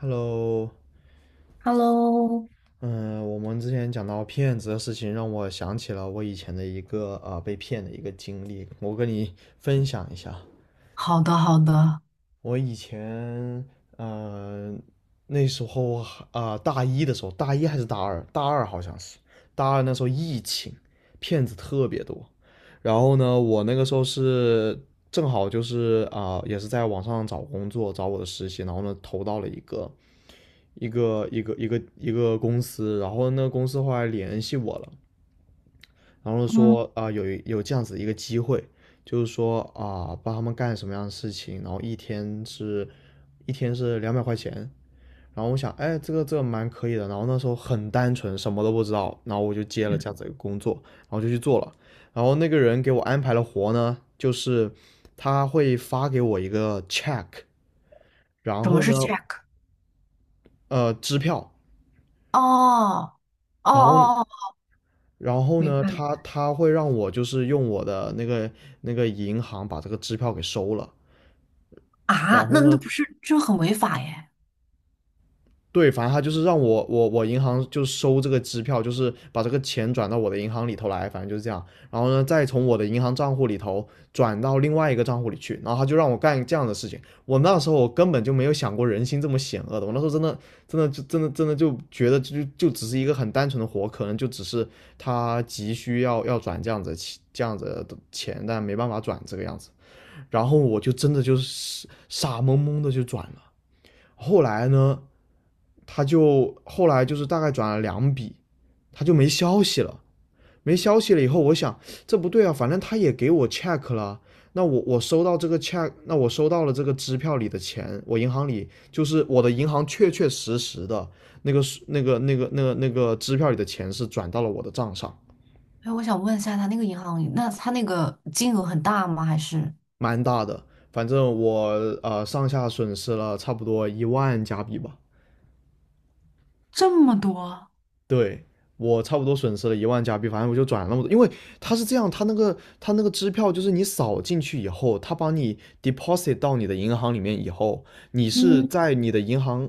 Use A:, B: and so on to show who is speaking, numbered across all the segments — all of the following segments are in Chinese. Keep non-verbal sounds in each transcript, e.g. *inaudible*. A: Hello，
B: Hello,
A: 嗯，我们之前讲到骗子的事情，让我想起了我以前的一个被骗的一个经历，我跟你分享一下。
B: 好的，好的。
A: 我以前，呃，那时候啊、大一的时候，大一还是大二？大二好像是，大二那时候疫情，骗子特别多。然后呢，我那个时候是正好就是啊、也是在网上找工作，找我的实习，然后呢投到了一个。一个公司，然后那个公司后来联系我了，然后说啊、有这样子一个机会，就是说啊、帮他们干什么样的事情，然后一天是200块钱，然后我想哎这个蛮可以的，然后那时候很单纯，什么都不知道，然后我就接了这样子一个工作，然后就去做了，然后那个人给我安排了活呢，就是他会发给我一个 check，然
B: 什么
A: 后
B: 是
A: 呢
B: check？
A: 支票，
B: 哦，哦
A: 然后
B: 哦哦，
A: 然后
B: 明
A: 呢，
B: 白明
A: 他
B: 白。
A: 他会让我就是用我的那个银行把这个支票给收了，
B: 啊，
A: 然后
B: 那
A: 呢，
B: 那不是这很违法耶？
A: 对，反正他就是让我银行就收这个支票，就是把这个钱转到我的银行里头来，反正就是这样。然后呢，再从我的银行账户里头转到另外一个账户里去。然后他就让我干这样的事情。我那时候我根本就没有想过人心这么险恶的，我那时候真的就觉得就只是一个很单纯的活，可能就只是他急需要转这样子的钱，但没办法转这个样子。然后我就真的就是傻懵懵的就转了。后来呢，他就后来就是大概转了两笔，他就没消息了。没消息了以后，我想这不对啊，反正他也给我 check 了，那我收到这个 check，那我收到了这个支票里的钱，我银行里就是我的银行确确实实的那个支票里的钱是转到了我的账上，
B: 哎，我想问一下，他那个银行，那他那个金额很大吗？还是
A: 蛮大的，反正我上下损失了差不多一万加币吧。
B: 这么多？
A: 对我差不多损失了一万加币，反正我就转了那么多，因为他是这样，他那个支票就是你扫进去以后，他把你 deposit 到你的银行里面以后，你是
B: 嗯，
A: 在你的银行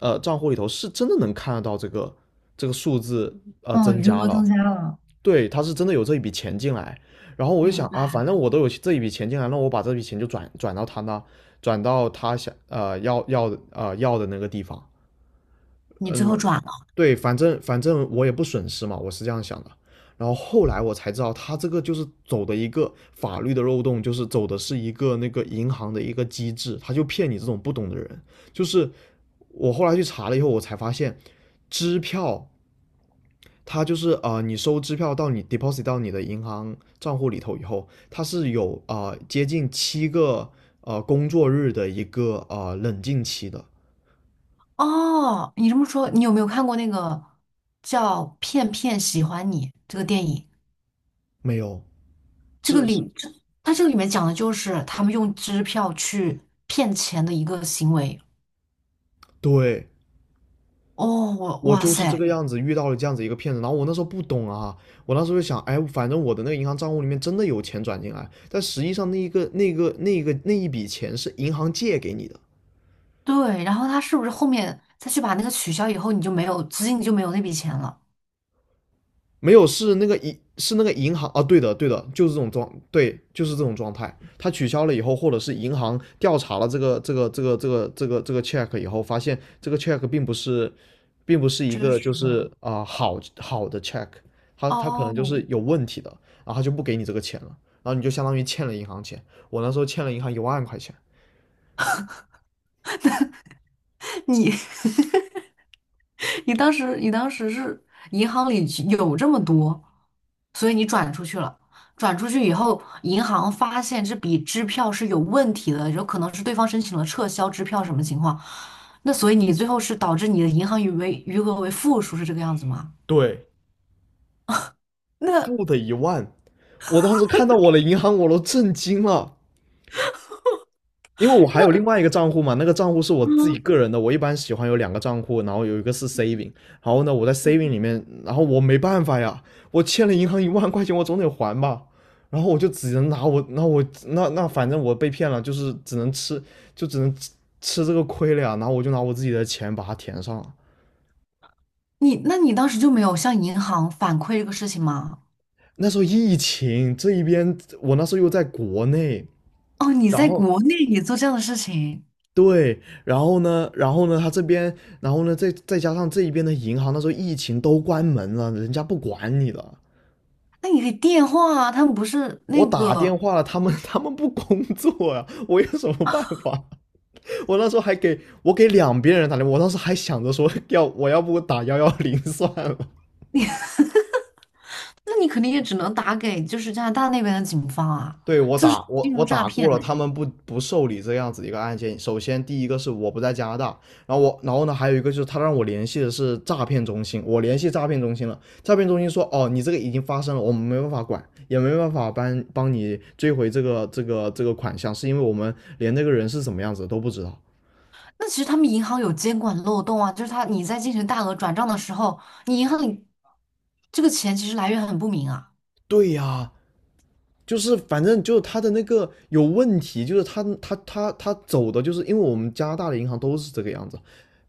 A: 账户里头是真的能看得到这个数字
B: 哦，
A: 增
B: 余
A: 加
B: 额
A: 了，
B: 增加了，
A: 对，他是真的有这一笔钱进来，然后我就想
B: 明
A: 啊，
B: 白。
A: 反正我都有这一笔钱进来，那我把这笔钱就转到他那，转到他想要的那个地方，
B: 你最后转了？
A: 对，反正我也不损失嘛，我是这样想的。然后后来我才知道，他这个就是走的一个法律的漏洞，就是走的是一个那个银行的一个机制，他就骗你这种不懂的人。就是我后来去查了以后，我才发现，支票它就是你收支票到你 deposit 到你的银行账户里头以后，它是有接近7个工作日的一个冷静期的，
B: 哦，你这么说，你有没有看过那个叫《骗骗喜欢你》这个电影？
A: 没有，
B: 这个
A: 是，
B: 里，这它这个里面讲的就是他们用支票去骗钱的一个行为。
A: 对。
B: 哦，
A: 我
B: 哇
A: 就是这
B: 塞，
A: 个样子遇到了这样子一个骗子，然后我那时候不懂啊，我那时候就想，哎，反正我的那个银行账户里面真的有钱转进来，但实际上那一个那一笔钱是银行借给你的，
B: 对，然后他是不是后面再去把那个取消以后，你就没有资金，你就没有那笔钱了？
A: 没有，是那个银行啊，对的对的，就是这种状，对，就是这种状态。他取消了以后，或者是银行调查了这个 check 以后，发现这个 check 并不是，一
B: 真
A: 个就
B: 是的。
A: 是啊、好好的 check，他可能就是
B: 哦，
A: 有问题的，然后他就不给你这个钱了，然后你就相当于欠了银行钱。我那时候欠了银行一万块钱，
B: *laughs* 你 *laughs* 你当时是银行里有这么多，所以你转出去了。转出去以后，银行发现这笔支票是有问题的，有可能是对方申请了撤销支票什么情况？那所以你最后是导致你的银行余额为负数，是这个样子吗？
A: 对，
B: 那
A: 负的10,000，我当时看到我的银行我都震惊了。因为我还有另外一个账户嘛，那个账户是我自己个人的，我一般喜欢有两个账户，然后有一个是 saving，然后呢我在 saving 里面，然后我没办法呀，我欠了银行一万块钱，我总得还吧，然后我就只能拿我，那反正我被骗了，就是只能吃，就只能吃这个亏了呀，然后我就拿我自己的钱把它填上了。
B: 那你当时就没有向银行反馈这个事情吗？
A: 那时候疫情这一边，我那时候又在国内，
B: 哦，你
A: 然
B: 在
A: 后
B: 国内也做这样的事情，
A: 对，然后呢，他这边，然后呢，再加上这一边的银行，那时候疫情都关门了，人家不管你了。
B: 那你可以电话啊，他们不是
A: 我
B: 那
A: 打
B: 个
A: 电话了，他们不工作啊，我有什么办法？我那时候还给我给两边人打电话，我当时还想着说要我要不打110算了。
B: 你，*laughs* 那你肯定也只能打给就是加拿大那边的警方啊，
A: 对，我
B: 就是
A: 打我
B: 金
A: 我
B: 融诈
A: 打过
B: 骗
A: 了，
B: 呢、
A: 他们不受理这样子一个案件。首先，第一个是我不在加拿大，然后我然后呢，还有一个就是他让我联系的是诈骗中心，我联系诈骗中心了，诈骗中心说哦，你这个已经发生了，我们没办法管，也没办法帮帮你追回这个款项，是因为我们连那个人是什么样子都不知道。
B: 那其实他们银行有监管漏洞啊，就是他你在进行大额转账的时候，你银行里这个钱其实来源很不明啊。
A: 对呀，就是反正就是他的那个有问题，就是他走的，就是因为我们加拿大的银行都是这个样子，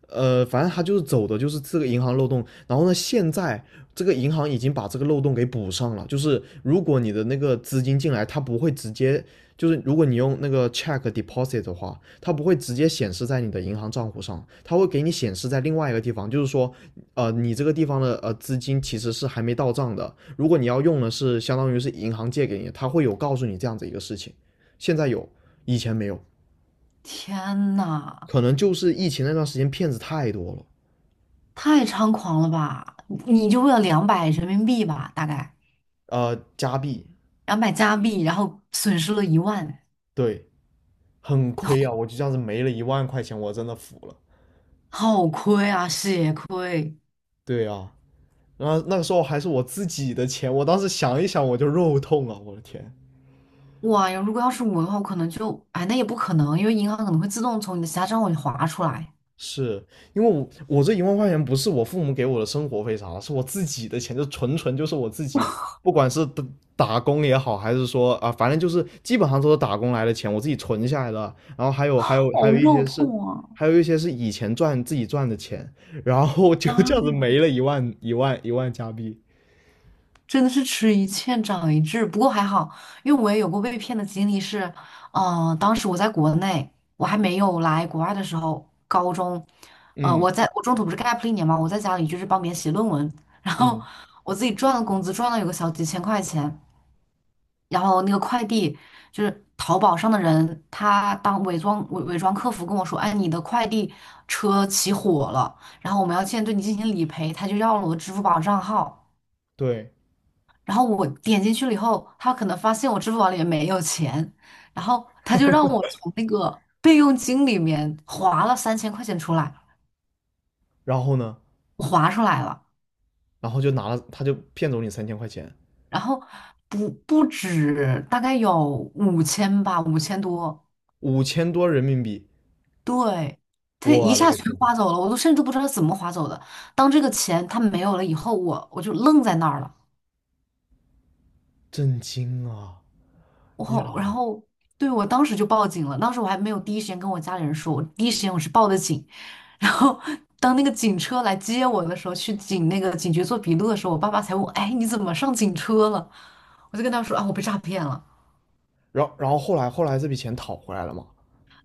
A: 反正他就是走的就是这个银行漏洞，然后呢，现在这个银行已经把这个漏洞给补上了，就是如果你的那个资金进来，它不会直接，就是如果你用那个 check deposit 的话，它不会直接显示在你的银行账户上，它会给你显示在另外一个地方，就是说，你这个地方的资金其实是还没到账的，如果你要用的是相当于是银行借给你它会有告诉你这样子一个事情，现在有，以前没有，
B: 天呐，
A: 可能就是疫情那段时间骗子太多了。
B: 太猖狂了吧！你就为了200人民币吧，大概。
A: 加币，
B: 然后买加币，然后损失了一万，
A: 对，很亏啊！我就这样子没了一万块钱，我真的服了。
B: 好亏啊，血亏！
A: 对啊，然后那个时候还是我自己的钱，我当时想一想我就肉痛啊！我的天，
B: 哇呀，如果要是我的话，我可能就，哎，那也不可能，因为银行可能会自动从你的其他账户里划出来，
A: 是因为我这一万块钱不是我父母给我的生活费啥的，是我自己的钱，就纯纯就是我自己，不管是打工也好，还是说啊，反正就是基本上都是打工来的钱，我自己存下来的。然后还
B: 好
A: 有一
B: 肉
A: 些是，
B: 痛啊！
A: 还有一些是以前赚自己赚的钱，然后就这样子没了一万加币。
B: 真的是吃一堑长一智，不过还好，因为我也有过被骗的经历是，嗯、当时我在国内，我还没有来国外的时候，高中，
A: 嗯
B: 我中途不是 gap 了一年嘛，我在家里就是帮别人写论文，然后
A: 嗯，
B: 我自己赚了工资，赚了有个小几千块钱。然后那个快递就是淘宝上的人，他当伪装客服跟我说，哎，你的快递车起火了，然后我们要现在对你进行理赔，他就要了我的支付宝账号，
A: 对。
B: 然后我点进去了以后，他可能发现我支付宝里面没有钱，然后他就让我从那个备用金里面划了3,000块钱出来，
A: 然后呢，
B: 我划出来了，
A: 然后就拿了，他就骗走你3000块钱，
B: 然后不止大概有五千吧，5,000多。
A: 5000多人民币，
B: 对，他一
A: 我勒
B: 下
A: 个
B: 全
A: 天，
B: 划走了，我都甚至不知道他怎么划走的。当这个钱他没有了以后，我就愣在那儿了。
A: 震惊啊！呀，
B: 然后对我当时就报警了，当时我还没有第一时间跟我家里人说，我第一时间我是报的警。然后当那个警车来接我的时候，去那个警局做笔录的时候，我爸爸才问我，哎，你怎么上警车了？我就跟他说啊，我被诈骗了。
A: 然后后来这笔钱讨回来了嘛？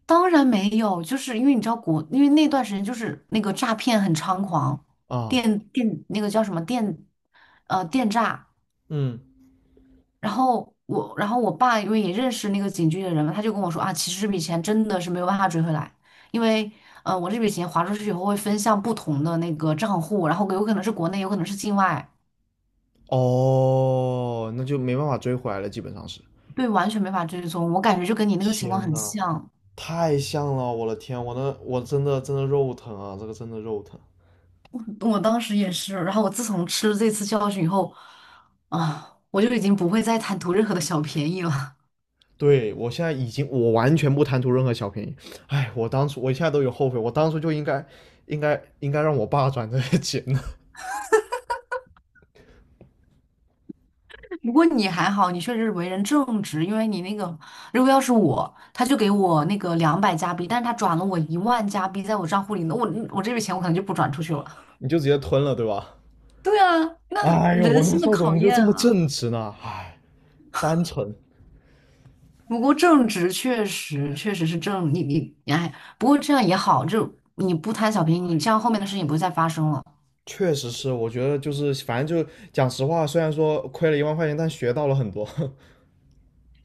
B: 当然没有，就是因为你知道国，因为那段时间就是那个诈骗很猖狂，
A: 啊，
B: 电那个叫什么电，电诈。
A: 嗯，
B: 然后我爸因为也认识那个警局的人嘛，他就跟我说啊，其实这笔钱真的是没有办法追回来，因为我这笔钱划出去以后会分向不同的那个账户，然后有可能是国内，有可能是境外，
A: 哦，那就没办法追回来了，基本上是。
B: 对，完全没法追踪。我感觉就跟你那个情况
A: 天
B: 很
A: 呐，
B: 像。
A: 太像了，我的天，我真的肉疼啊，这个真的肉疼。
B: 我当时也是，然后我自从吃了这次教训以后，啊，我就已经不会再贪图任何的小便宜了。
A: 对，我现在已经，我完全不贪图任何小便宜。哎，我当初，我现在都有后悔，我当初就应该，应该，应该让我爸转这些钱呢，
B: *laughs* 不过你还好，你确实为人正直，因为你那个，如果要是我，他就给我那个200加币，但是他转了我10,000加币在我账户里，那我这笔钱我可能就不转出去了。
A: *laughs* 你就直接吞了，对吧？
B: 对啊，那
A: 哎呦，我
B: 人
A: 那
B: 性
A: 时
B: 的
A: 候怎
B: 考
A: 么就这
B: 验
A: 么
B: 啊。
A: 正直呢？哎，单纯。
B: 不过正直确实确实是正，你哎，不过这样也好，就你不贪小便宜，你这样后面的事情也不会再发生了。
A: 确实是，我觉得就是反正就讲实话，虽然说亏了一万块钱，但学到了很多，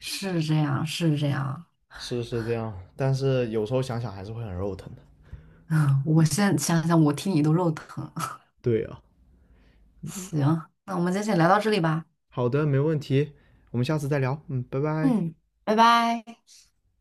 B: 是这样，是这样。
A: *laughs* 是这样，但是有时候想想还是会很肉疼的。
B: *laughs* 嗯，我现在想想，我听你都肉疼。*laughs*
A: 对啊，
B: 行，那我们今天先聊到这里吧。
A: 好的，没问题，我们下次再聊，嗯，拜拜。
B: 嗯，拜拜。